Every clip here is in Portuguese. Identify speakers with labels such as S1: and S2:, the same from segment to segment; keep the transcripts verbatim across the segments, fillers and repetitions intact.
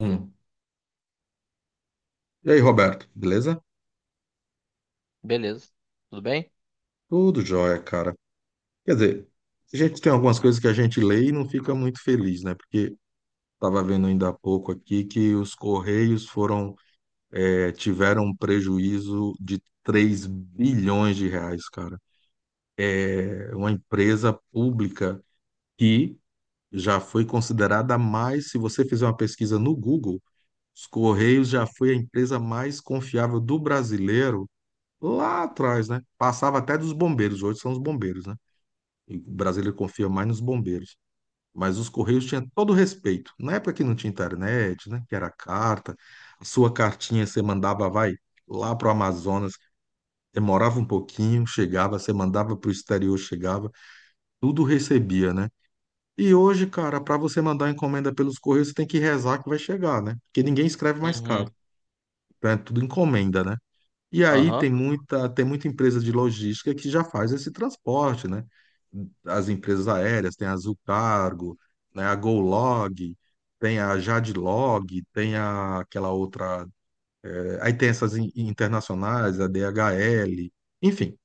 S1: Hum. E aí, Roberto, beleza?
S2: Beleza. Tudo bem?
S1: Tudo jóia, cara. Quer dizer, a gente tem algumas coisas que a gente lê e não fica muito feliz, né? Porque estava vendo ainda há pouco aqui que os Correios foram, eh, tiveram um prejuízo de três bilhões de reais, cara. É uma empresa pública que já foi considerada mais, se você fizer uma pesquisa no Google, os Correios já foi a empresa mais confiável do brasileiro lá atrás, né? Passava até dos bombeiros, hoje são os bombeiros, né? E Brasília confia mais nos bombeiros. Mas os Correios tinham todo o respeito. Na época que não tinha internet, né? Que era carta. A sua cartinha você mandava, vai, lá para o Amazonas, demorava um pouquinho, chegava, você mandava para o exterior, chegava, tudo recebia, né? E hoje, cara, para você mandar encomenda pelos Correios, você tem que rezar que vai chegar, né? Porque ninguém escreve mais caro.
S2: Uhum.
S1: Então é tudo encomenda, né? E aí
S2: Aham.
S1: tem muita, tem muita empresa de logística que já faz esse transporte, né? As empresas aéreas, tem a Azul Cargo, né? A GoLog, tem a Jadlog, tem a, aquela outra. eh, Aí tem essas in- internacionais, a D H L, enfim.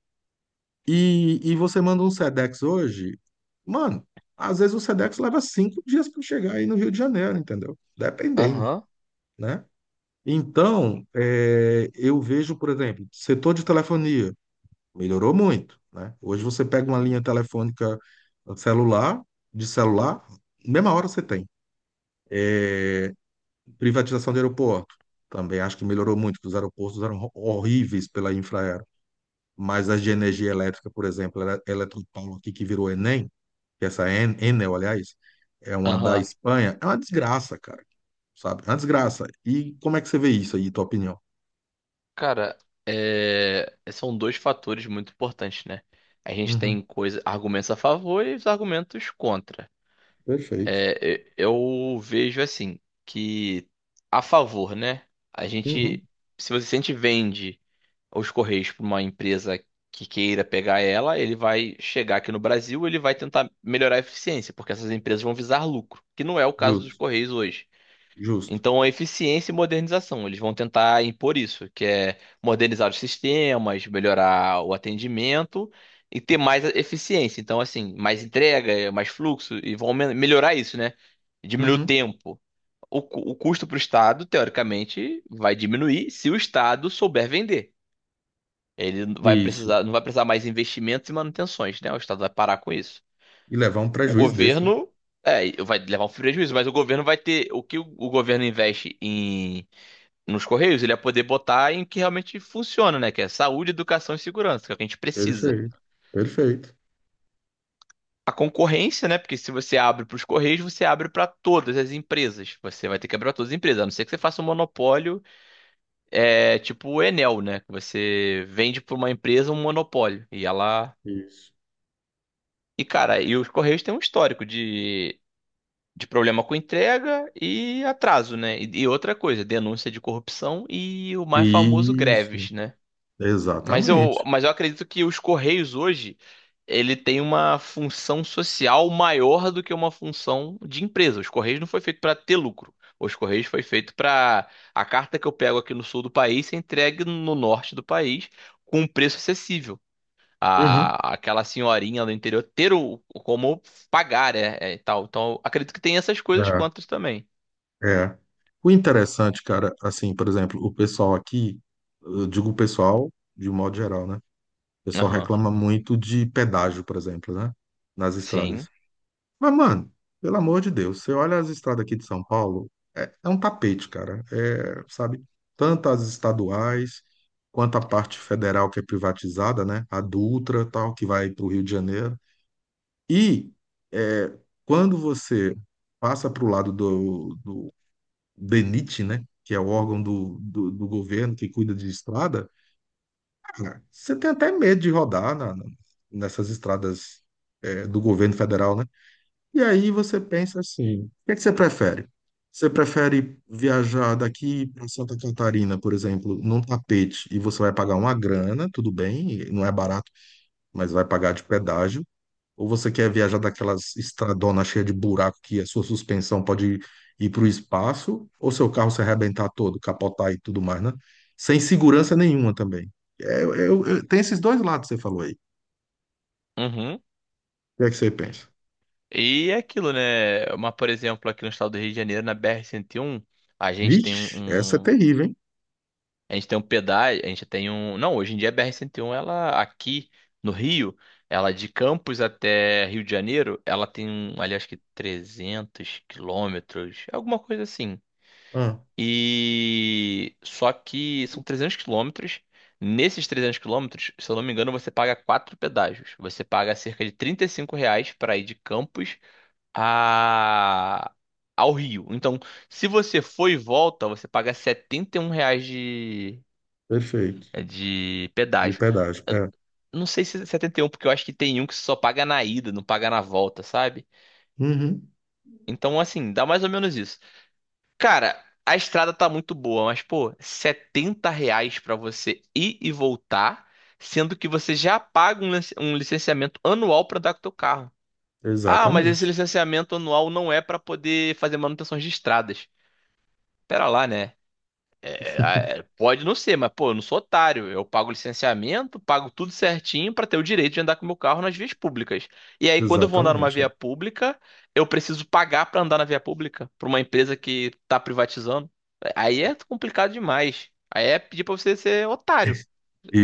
S1: E, e você manda um Sedex hoje, mano, às vezes o Sedex leva cinco dias para chegar aí no Rio de Janeiro, entendeu? Dependendo,
S2: Aham.
S1: né? Então, eh, eu vejo, por exemplo, setor de telefonia. Melhorou muito, né? Hoje você pega uma linha telefônica celular, de celular, mesma hora você tem. Privatização de aeroporto. Também acho que melhorou muito, que os aeroportos eram ho- horríveis pela Infraero. Mas as de energia elétrica, por exemplo, Ele- Eletropaulo aqui que virou Enem, que é essa En- Enel, aliás, é uma da
S2: Aham.
S1: Espanha, é uma desgraça, cara. Sabe? É uma desgraça. E como é que você vê isso aí, tua opinião?
S2: Cara, é... são dois fatores muito importantes, né? A gente
S1: Uhum,
S2: tem coisa... argumentos a favor e os argumentos contra.
S1: perfeito.
S2: É, e- eu vejo assim, que a favor, né? A
S1: Uhum,
S2: gente, se você se a gente vende os Correios para uma empresa que queira pegar ela, ele vai chegar aqui no Brasil, ele vai tentar melhorar a eficiência, porque essas empresas vão visar lucro, que não é o caso dos
S1: justo,
S2: Correios hoje.
S1: justo.
S2: Então, a eficiência e modernização, eles vão tentar impor isso, que é modernizar os sistemas, melhorar o atendimento e ter mais eficiência. Então, assim, mais entrega, é, mais fluxo, e vão me- melhorar isso, né? Diminuir o
S1: Uhum,
S2: tempo. O, cu- o custo para o Estado, teoricamente, vai diminuir se o Estado souber vender. Ele não vai
S1: isso.
S2: precisar, não vai precisar mais investimentos e manutenções, né? O Estado vai parar com isso.
S1: E levar um
S2: O
S1: prejuízo desse, né?
S2: governo, é, vai levar um prejuízo, mas o governo vai ter, o que o o governo investe em nos Correios, ele ia poder botar em que realmente funciona, né? Que é saúde, educação e segurança, que é o que a gente precisa.
S1: Perfeito, perfeito.
S2: A concorrência, né? Porque se você abre para os Correios, você abre para todas as empresas. Você vai ter que abrir para todas as empresas, a não ser que você faça um monopólio, é, tipo o Enel, né? Que você vende para uma empresa um monopólio e ela.
S1: Isso.
S2: E cara, e os Correios têm um histórico de, de problema com entrega e atraso, né? E, e outra coisa, denúncia de corrupção e o mais famoso
S1: Isso,
S2: greves, né? Mas eu,
S1: exatamente.
S2: mas eu acredito que os Correios hoje, ele tem uma função social maior do que uma função de empresa. Os Correios não foi feito para ter lucro. Os Correios foi feito para a carta que eu pego aqui no sul do país ser entregue no norte do país com um preço acessível.
S1: Uhum.
S2: A, aquela senhorinha do interior ter o, como pagar, é, é, e tal. Então, eu acredito que tem essas coisas quantas também.
S1: É, é. O interessante, cara, assim, por exemplo, o pessoal aqui, eu digo o pessoal de um modo geral, né? O pessoal
S2: Aham.
S1: reclama muito de pedágio, por exemplo, né? Nas estradas.
S2: Sim.
S1: Mas, mano, pelo amor de Deus, você olha as estradas aqui de São Paulo, é, é um tapete, cara. É, sabe? Tanto as estaduais quanto a parte federal que é privatizada, né? A Dutra, tal, que vai para o Rio de Janeiro. E é, quando você passa para o lado do, do denit, né, que é o órgão do, do, do governo que cuida de estrada, cara, você tem até medo de rodar na- na- nessas estradas é, do governo federal, né? E aí você pensa assim, o que é que você prefere? Você prefere viajar daqui para Santa Catarina, por exemplo, num tapete, e você vai pagar uma grana, tudo bem, não é barato, mas vai pagar de pedágio, ou você quer viajar daquelas estradonas cheias de buraco que a sua suspensão pode ir para o espaço, ou seu carro se arrebentar todo, capotar e tudo mais, né? Sem segurança nenhuma também. É, eu- eu- eu- tem esses dois lados que você falou aí. O
S2: Uhum.
S1: que é que você pensa?
S2: E é aquilo, né? Uma, por exemplo, aqui no estado do Rio de Janeiro, na B R cento e um, a gente tem um,
S1: Vixe, essa é
S2: um-
S1: terrível, hein?
S2: a gente tem um pedágio, a gente tem um, não, hoje em dia a B R cento e um, ela aqui no Rio, ela de Campos até Rio de Janeiro, ela tem um, ali acho que trezentos quilômetros, alguma coisa assim.
S1: Ah,
S2: E só que são trezentos quilômetros. Nesses trezentos quilômetros, se eu não me engano, você paga quatro pedágios. Você paga cerca de trinta e cinco reais para ir de Campos a- ao Rio. Então, se você for e volta, você paga R$ 71 reais de,
S1: perfeito.
S2: é, de
S1: De
S2: pedágio.
S1: pedágio.
S2: Eu
S1: É.
S2: não sei se é setenta e um, porque eu acho que tem um que só paga na ida, não paga na volta, sabe?
S1: Uhum,
S2: Então, assim, dá mais ou menos isso. Cara, a estrada tá muito boa, mas, pô, R$ 70 reais pra você ir e voltar, sendo que você já paga um lic- um licenciamento anual pra andar com o teu carro. Ah, mas esse
S1: exatamente.
S2: licenciamento anual não é pra poder fazer manutenções de estradas. Pera lá, né? É, a- é, pode não ser, mas pô, eu não sou otário. Eu pago licenciamento, pago tudo certinho pra ter o direito de andar com o meu carro nas vias públicas. E aí, quando eu vou andar numa
S1: Exatamente, é.
S2: via pública, eu preciso pagar pra andar na via pública pra uma empresa que tá privatizando. Aí é complicado demais. Aí é pedir pra você ser otário.
S1: E,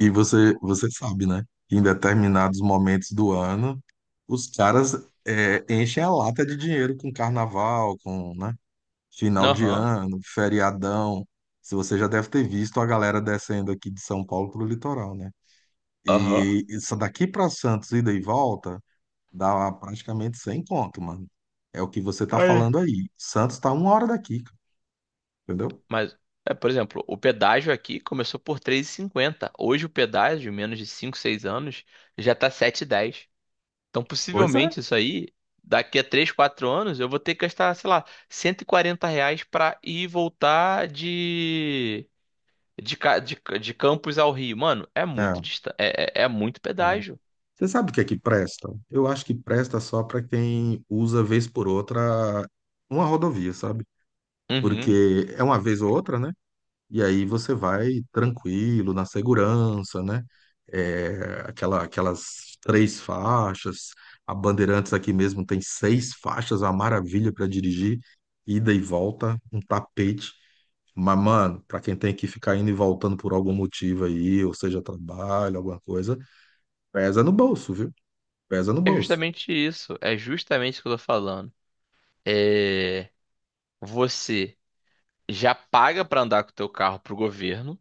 S1: e, e você, você sabe, né? Que em determinados momentos do ano, os caras é, enchem a lata de dinheiro com carnaval, com, né? Final de
S2: Aham,
S1: ano, feriadão. Se você já deve ter visto a galera descendo aqui de São Paulo pro litoral, né?
S2: aham.
S1: E isso daqui para Santos, ida e volta, dá praticamente cem conto, mano. É o que você tá
S2: Aí.
S1: falando aí. Santos tá uma hora daqui, entendeu?
S2: Mas, é, por exemplo, o pedágio aqui começou por três e cinquenta. Hoje o pedágio, menos de cinco, seis anos, já tá sete e dez. Então,
S1: Pois é.
S2: possivelmente, isso aí, daqui a três quatro anos, eu vou ter que gastar, sei lá, cento e quarenta reais pra ir e voltar de, de, ca- de, de Campos ao Rio. Mano, é muito
S1: É,
S2: distante, é, é, é muito
S1: é.
S2: pedágio.
S1: Você sabe o que é que presta? Eu acho que presta só para quem usa vez por outra uma rodovia, sabe?
S2: Uhum.
S1: Porque é uma vez ou outra, né? E aí você vai tranquilo, na segurança, né? É, aquela, aquelas três faixas, a Bandeirantes aqui mesmo tem seis faixas, uma maravilha para dirigir, ida e volta, um tapete. Mas, mano, pra quem tem que ficar indo e voltando por algum motivo aí, ou seja, trabalho, alguma coisa, pesa no bolso, viu? Pesa no
S2: É
S1: bolso.
S2: justamente isso. É justamente isso que eu tô falando. É, você já paga pra andar com o teu carro pro governo,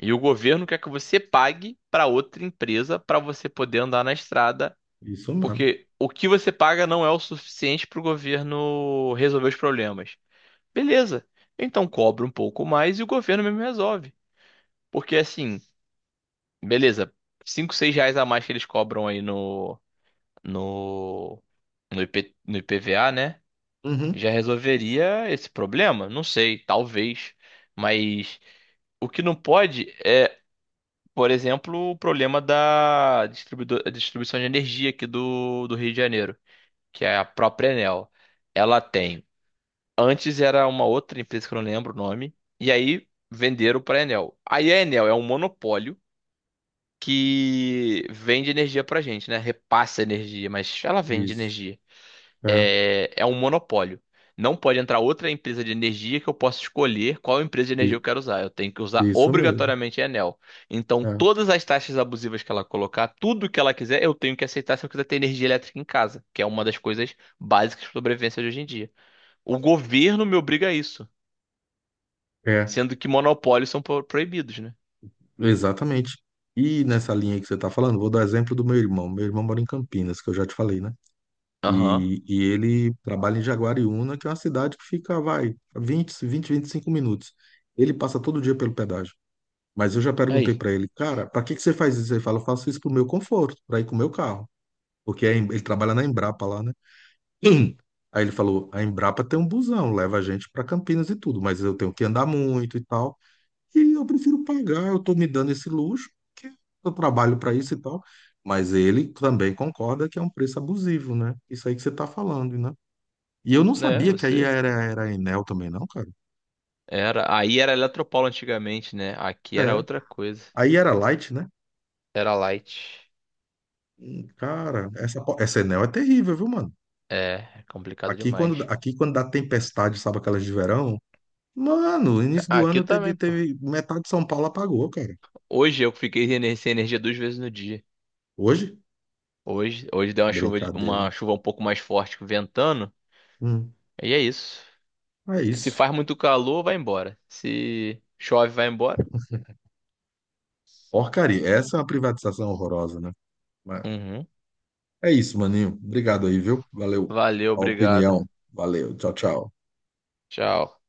S2: e o governo quer que você pague pra outra empresa pra você poder andar na estrada.
S1: Isso mesmo.
S2: Porque o que você paga não é o suficiente para o governo resolver os problemas. Beleza. Então cobra um pouco mais e o governo mesmo resolve. Porque assim, beleza, cinco, seis reais a mais que eles cobram aí no, no, no, IP no I P V A, né?
S1: Uhum.
S2: Já resolveria esse problema? Não sei, talvez. Mas o que não pode é, por exemplo, o problema da distribuido- distribuição de energia aqui do, do Rio de Janeiro, que é a própria Enel, ela tem. Antes era uma outra empresa que eu não lembro o nome, e aí venderam para a Enel. Aí a Enel é um monopólio que vende energia para gente, né? Repassa energia, mas ela vende
S1: Isso.
S2: energia.
S1: É.
S2: É, é um monopólio. Não pode entrar outra empresa de energia que eu possa escolher qual empresa de energia
S1: I-
S2: eu quero usar. Eu tenho que usar
S1: Isso mesmo.
S2: obrigatoriamente a Enel. Então,
S1: É.
S2: todas as taxas abusivas que ela colocar, tudo que ela quiser, eu tenho que aceitar se eu quiser ter energia elétrica em casa, que é uma das coisas básicas de sobrevivência de hoje em dia. O governo me obriga a isso,
S1: É.
S2: sendo que monopólios são pro- proibidos, né?
S1: Exatamente. E nessa linha que você está falando, vou dar exemplo do meu irmão. Meu irmão mora em Campinas, que eu já te falei, né?
S2: Aham.
S1: E, e ele trabalha em Jaguariúna, que é uma cidade que fica, vai, vinte vinte vinte e cinco minutos. Ele passa todo dia pelo pedágio. Mas eu já perguntei
S2: Aí,
S1: para ele, cara, para que que você faz isso? Ele fala, eu faço isso pro meu conforto, para ir com o meu carro. Porque é em- ele trabalha na Embrapa lá, né? Hum. Aí ele falou: a Embrapa tem um busão, leva a gente para Campinas e tudo, mas eu tenho que andar muito e tal. E eu prefiro pagar, eu estou me dando esse luxo, porque eu trabalho para isso e tal. Mas ele também concorda que é um preço abusivo, né? Isso aí que você está falando, né? E eu não
S2: né,
S1: sabia que aí
S2: você
S1: era, era a Enel também, não, cara.
S2: era, aí era Eletropaulo antigamente, né? Aqui era
S1: É.
S2: outra coisa.
S1: Aí era Light, né?
S2: Era Light.
S1: Hum, cara, essa, po- essa Enel é terrível, viu, mano?
S2: É, é complicado
S1: Aqui
S2: demais.
S1: quando, aqui quando dá tempestade, sabe aquelas de verão? Mano, início do
S2: Aqui
S1: ano
S2: também,
S1: teve,
S2: pô.
S1: teve metade de São Paulo apagou, cara.
S2: Hoje eu fiquei ener- sem energia duas vezes no dia.
S1: Hoje?
S2: Hoje, hoje deu uma chuva, de-
S1: Brincadeira,
S2: uma
S1: hein?
S2: chuva um pouco mais forte, ventando.
S1: Hum,
S2: E é isso.
S1: é
S2: Se
S1: isso.
S2: faz muito calor, vai embora. Se chove, vai embora.
S1: Porcaria. Essa é uma privatização horrorosa, né? Mas
S2: Uhum.
S1: é isso, maninho. Obrigado aí, viu? Valeu
S2: Valeu,
S1: a
S2: obrigado.
S1: opinião. Valeu. Tchau, tchau.
S2: Tchau.